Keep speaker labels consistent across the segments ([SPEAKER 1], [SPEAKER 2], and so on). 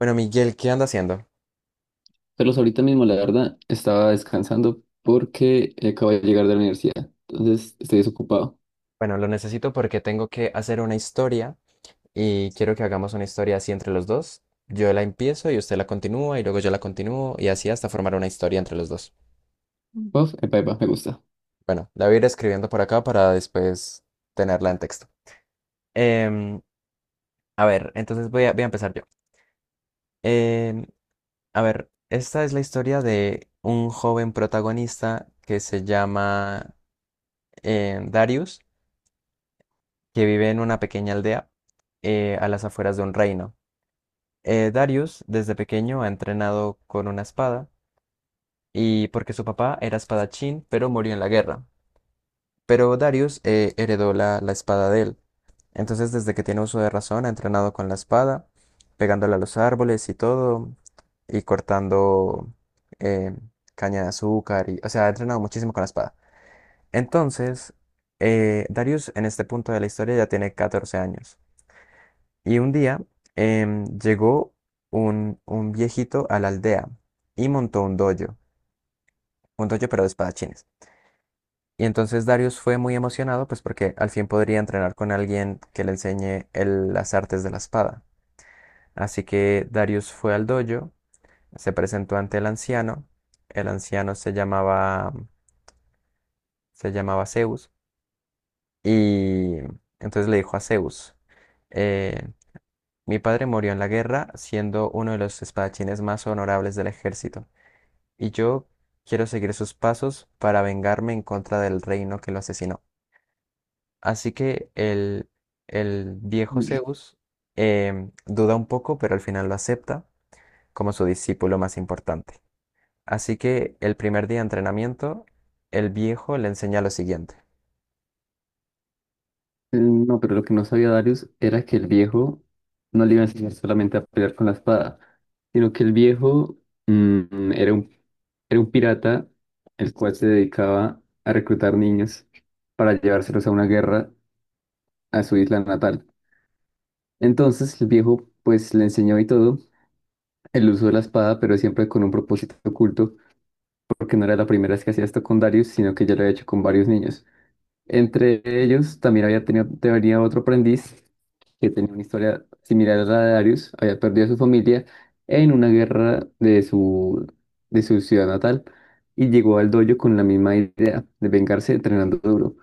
[SPEAKER 1] Bueno, Miguel, ¿qué anda haciendo?
[SPEAKER 2] Carlos, ahorita mismo, la verdad, estaba descansando porque acabo de llegar de la universidad. Entonces, estoy desocupado.
[SPEAKER 1] Bueno, lo necesito porque tengo que hacer una historia y quiero que hagamos una historia así entre los dos. Yo la empiezo y usted la continúa, y luego yo la continúo, y así hasta formar una historia entre los dos.
[SPEAKER 2] Uf, epa, epa, me gusta.
[SPEAKER 1] Bueno, la voy a ir escribiendo por acá para después tenerla en texto. Em, a ver, entonces voy a empezar yo. Em, a ver, esta es la historia de un joven protagonista que se llama Darius, que vive en una pequeña aldea, a las afueras de un reino. Darius desde pequeño ha entrenado con una espada, y porque su papá era espadachín, pero murió en la guerra. Pero Darius heredó la espada de él. Entonces, desde que tiene uso de razón, ha entrenado con la espada, pegándola a los árboles y todo, y cortando eh, caña de azúcar. Y, o sea, ha entrenado muchísimo con la espada. Entonces, Darius en este punto de la historia ya tiene 14 años. Y un día llegó un viejito a la aldea y montó un dojo pero de espadachines. Y entonces Darius fue muy emocionado, pues porque al fin podría entrenar con alguien que le enseñe las artes de la espada. Así que Darius fue al dojo, se presentó ante el anciano. El anciano se llamaba Zeus. Y entonces le dijo a Zeus, eh, mi padre murió en la guerra siendo uno de los espadachines más honorables del ejército. Y yo quiero seguir sus pasos para vengarme en contra del reino que lo asesinó. Así que el viejo Zeus duda un poco, pero al final lo acepta como su discípulo más importante. Así que el primer día de entrenamiento, el viejo le enseña lo siguiente.
[SPEAKER 2] No, pero lo que no sabía Darius era que el viejo no le iba a enseñar solamente a pelear con la espada, sino que el viejo mm, era un, era un pirata el cual se dedicaba a reclutar niños para llevárselos a una guerra a su isla natal. Entonces, el viejo pues le enseñó y todo el uso de la espada, pero siempre con un propósito oculto porque no era la primera vez que hacía esto con Darius, sino que ya lo había hecho con varios niños. Entre ellos también había tenido, tenía otro aprendiz que tenía una historia similar a la de Darius, había perdido a su familia en una guerra de de su ciudad natal y llegó al dojo con la misma idea de vengarse entrenando duro.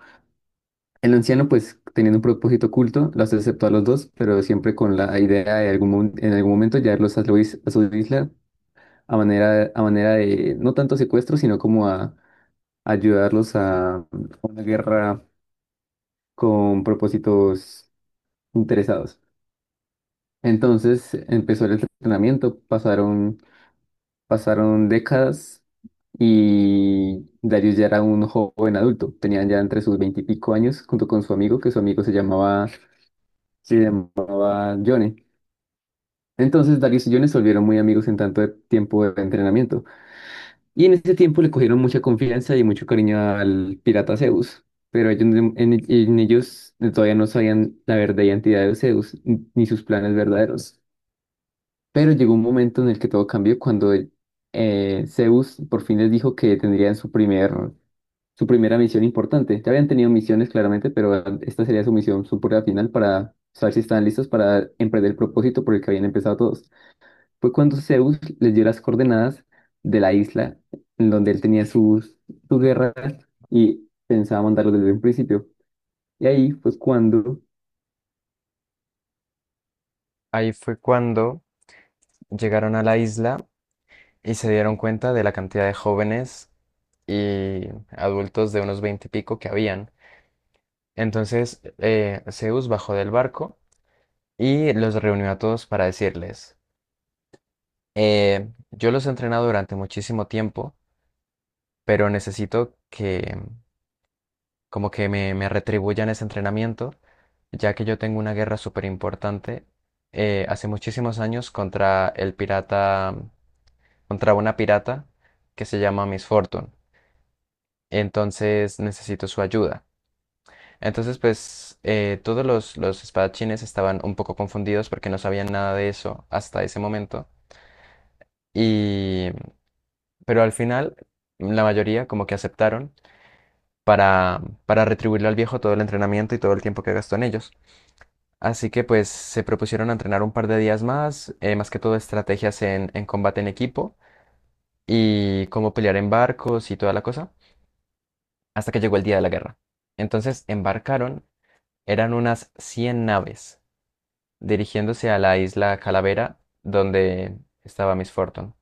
[SPEAKER 2] El anciano, pues teniendo un propósito oculto, los aceptó a los dos, pero siempre con la idea de algún, en algún momento llevarlos a su a su isla a manera de no tanto secuestro, sino como a ayudarlos a una guerra con propósitos interesados. Entonces empezó el entrenamiento, pasaron décadas y Darius ya era un joven adulto, tenía ya entre sus veintipico años junto con su amigo, que su amigo se llamaba Johnny. Entonces Darius y Johnny se volvieron muy amigos en tanto de tiempo de entrenamiento. Y en ese tiempo le cogieron mucha confianza y mucho cariño al pirata Zeus, pero ellos, en ellos todavía no sabían la verdadera identidad de Zeus ni sus planes verdaderos. Pero llegó un momento en el que todo cambió cuando Zeus por fin les dijo que tendrían su su primera misión importante. Ya habían tenido misiones claramente, pero esta sería su misión, su prueba final para saber si estaban listos para emprender el propósito por el que habían empezado todos. Fue cuando Zeus les dio las coordenadas de la isla en donde él tenía sus guerras y pensaba mandarlos desde un principio. Y ahí pues cuando,
[SPEAKER 1] Ahí fue cuando llegaron a la isla y se dieron cuenta de la cantidad de jóvenes y adultos de unos veinte y pico que habían. Entonces Zeus bajó del barco y los reunió a todos para decirles, yo los he entrenado durante muchísimo tiempo, pero necesito que como que me retribuyan ese entrenamiento, ya que yo tengo una guerra súper importante hace muchísimos años contra contra una pirata que se llama Miss Fortune. Entonces necesito su ayuda. Entonces, pues todos los espadachines estaban un poco confundidos porque no sabían nada de eso hasta ese momento. Y, pero al final, la mayoría como que aceptaron para retribuirle al viejo todo el entrenamiento y todo el tiempo que gastó en ellos. Así que pues se propusieron a entrenar un par de días más, más que todo estrategias en combate en equipo y cómo pelear en barcos y toda la cosa, hasta que llegó el día de la guerra. Entonces embarcaron. Eran unas 100 naves, dirigiéndose a la isla Calavera, donde estaba Miss Fortune.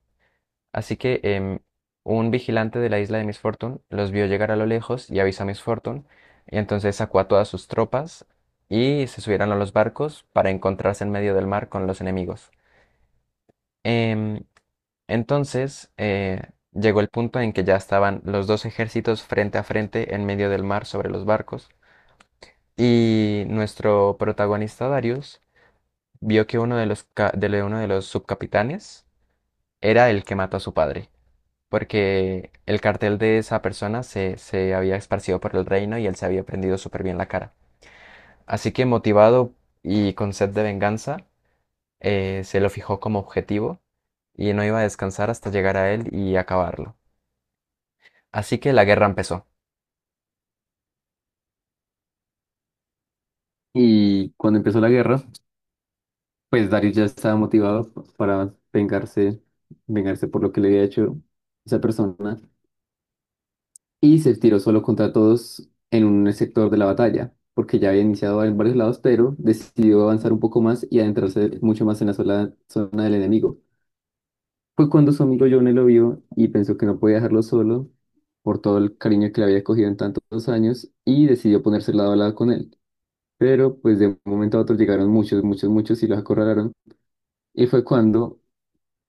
[SPEAKER 1] Así que un vigilante de la isla de Miss Fortune los vio llegar a lo lejos y avisó a Miss Fortune, y entonces sacó a todas sus tropas y se subieron a los barcos para encontrarse en medio del mar con los enemigos. Em, entonces llegó el punto en que ya estaban los dos ejércitos frente a frente en medio del mar sobre los barcos, y nuestro protagonista Darius vio que uno de de uno de los subcapitanes era el que mató a su padre, porque el cartel de esa persona se había esparcido por el reino y él se había prendido súper bien la cara. Así que motivado y con sed de venganza, se lo fijó como objetivo y no iba a descansar hasta llegar a él y acabarlo. Así que la guerra empezó.
[SPEAKER 2] y cuando empezó la guerra, pues Darius ya estaba motivado para vengarse, vengarse por lo que le había hecho esa persona y se tiró solo contra todos en un sector de la batalla, porque ya había iniciado en varios lados, pero decidió avanzar un poco más y adentrarse mucho más en la sola zona del enemigo. Fue cuando su amigo Johnny lo vio y pensó que no podía dejarlo solo por todo el cariño que le había cogido en tantos años y decidió ponerse lado a lado con él. Pero pues de un momento a otro llegaron muchos, muchos, muchos y los acorralaron. Y fue cuando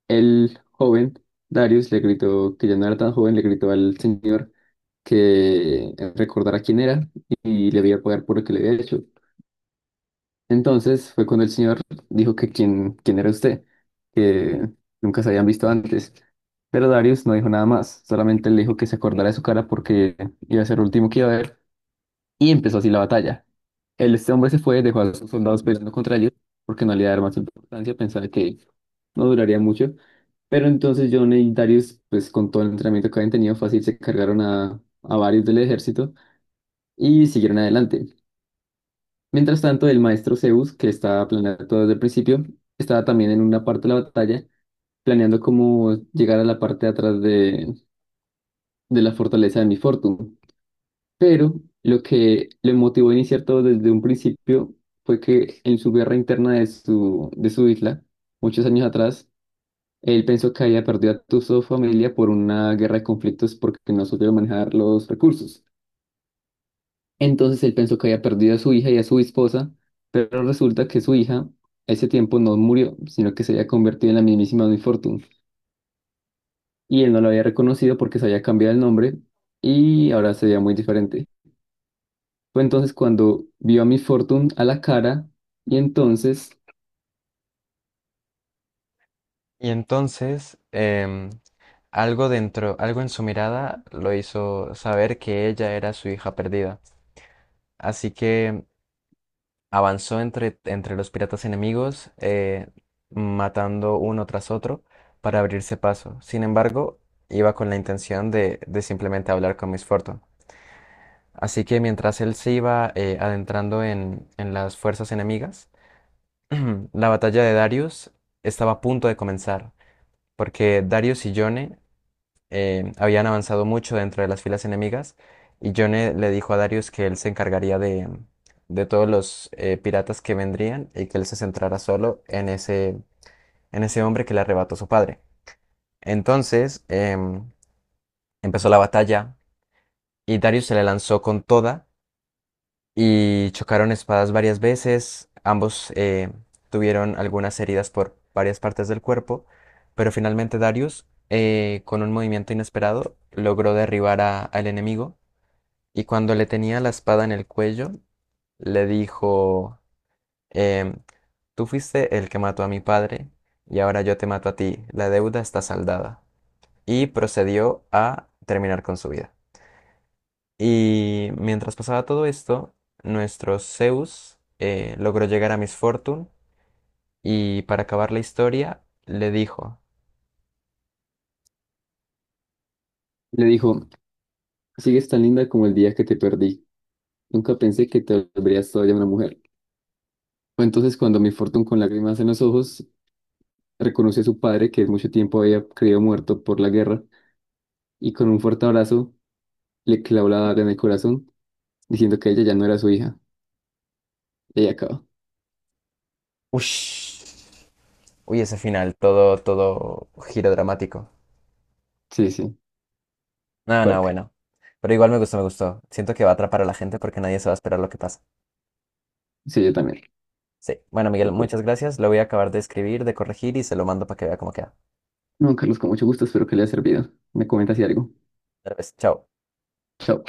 [SPEAKER 2] el joven Darius le gritó, que ya no era tan joven, le gritó al señor que recordara quién era y le iba a pagar por lo que le había hecho. Entonces fue cuando el señor dijo que quién era usted, que nunca se habían visto antes. Pero Darius no dijo nada más, solamente le dijo que se acordara de su cara porque iba a ser el último que iba a ver y empezó así la batalla. Este hombre se fue, dejó a sus soldados peleando contra ellos porque no le iba a dar más importancia, pensaba que no duraría mucho. Pero entonces John y Darius, pues con todo el entrenamiento que habían tenido fácil, se cargaron a varios del ejército y siguieron adelante. Mientras tanto, el maestro Zeus, que estaba planeando todo desde el principio, estaba también en una parte de la batalla, planeando cómo llegar a la parte de atrás de la fortaleza de Mi Fortune. Pero lo que le motivó a iniciar todo desde un principio fue que en su guerra interna de de su isla, muchos años atrás, él pensó que había perdido a toda su familia por una guerra de conflictos porque no supieron manejar los recursos. Entonces él pensó que había perdido a su hija y a su esposa, pero resulta que su hija a ese tiempo no murió, sino que se había convertido en la mismísima Miss Fortune. Y él no la había reconocido porque se había cambiado el nombre y ahora se veía muy diferente. Fue entonces cuando vio a Miss Fortune a la cara y entonces
[SPEAKER 1] Y entonces, algo en su mirada lo hizo saber que ella era su hija perdida. Así que avanzó entre los piratas enemigos, matando uno tras otro para abrirse paso. Sin embargo, iba con la intención de simplemente hablar con Miss Fortune. Así que mientras él se iba adentrando en las fuerzas enemigas, la batalla de Darius estaba a punto de comenzar, porque Darius y Yone habían avanzado mucho dentro de las filas enemigas y Yone le dijo a Darius que él se encargaría de todos los piratas que vendrían, y que él se centrara solo en en ese hombre que le arrebató su padre. Entonces empezó la batalla y Darius se le lanzó con toda y chocaron espadas varias veces. Ambos tuvieron algunas heridas por varias partes del cuerpo, pero finalmente Darius, con un movimiento inesperado, logró derribar al enemigo. Y cuando le tenía la espada en el cuello, le dijo, em, tú fuiste el que mató a mi padre y ahora yo te mato a ti, la deuda está saldada. Y procedió a terminar con su vida. Y mientras pasaba todo esto, nuestro Zeus logró llegar a Miss Fortune y para acabar la historia le dijo,
[SPEAKER 2] le dijo, sigues tan linda como el día que te perdí. Nunca pensé que te volverías todavía una mujer. Fue entonces cuando Miss Fortune con lágrimas en los ojos reconoció a su padre que mucho tiempo había creído muerto por la guerra y con un fuerte abrazo le clavó la daga en el corazón, diciendo que ella ya no era su hija. Y ahí acabó.
[SPEAKER 1] ush, uy, ese final, todo, todo giro dramático.
[SPEAKER 2] Sí, sí,
[SPEAKER 1] No, no,
[SPEAKER 2] fuerte.
[SPEAKER 1] bueno. Pero igual me gustó, me gustó. Siento que va a atrapar a la gente porque nadie se va a esperar lo que pasa.
[SPEAKER 2] Sí, yo también.
[SPEAKER 1] Sí. Bueno, Miguel, muchas gracias. Lo voy a acabar de escribir, de corregir y se lo mando para que vea cómo queda.
[SPEAKER 2] No, Carlos, con mucho gusto, espero que le haya servido. Me comenta si algo.
[SPEAKER 1] Tal vez. Chao.
[SPEAKER 2] Chao.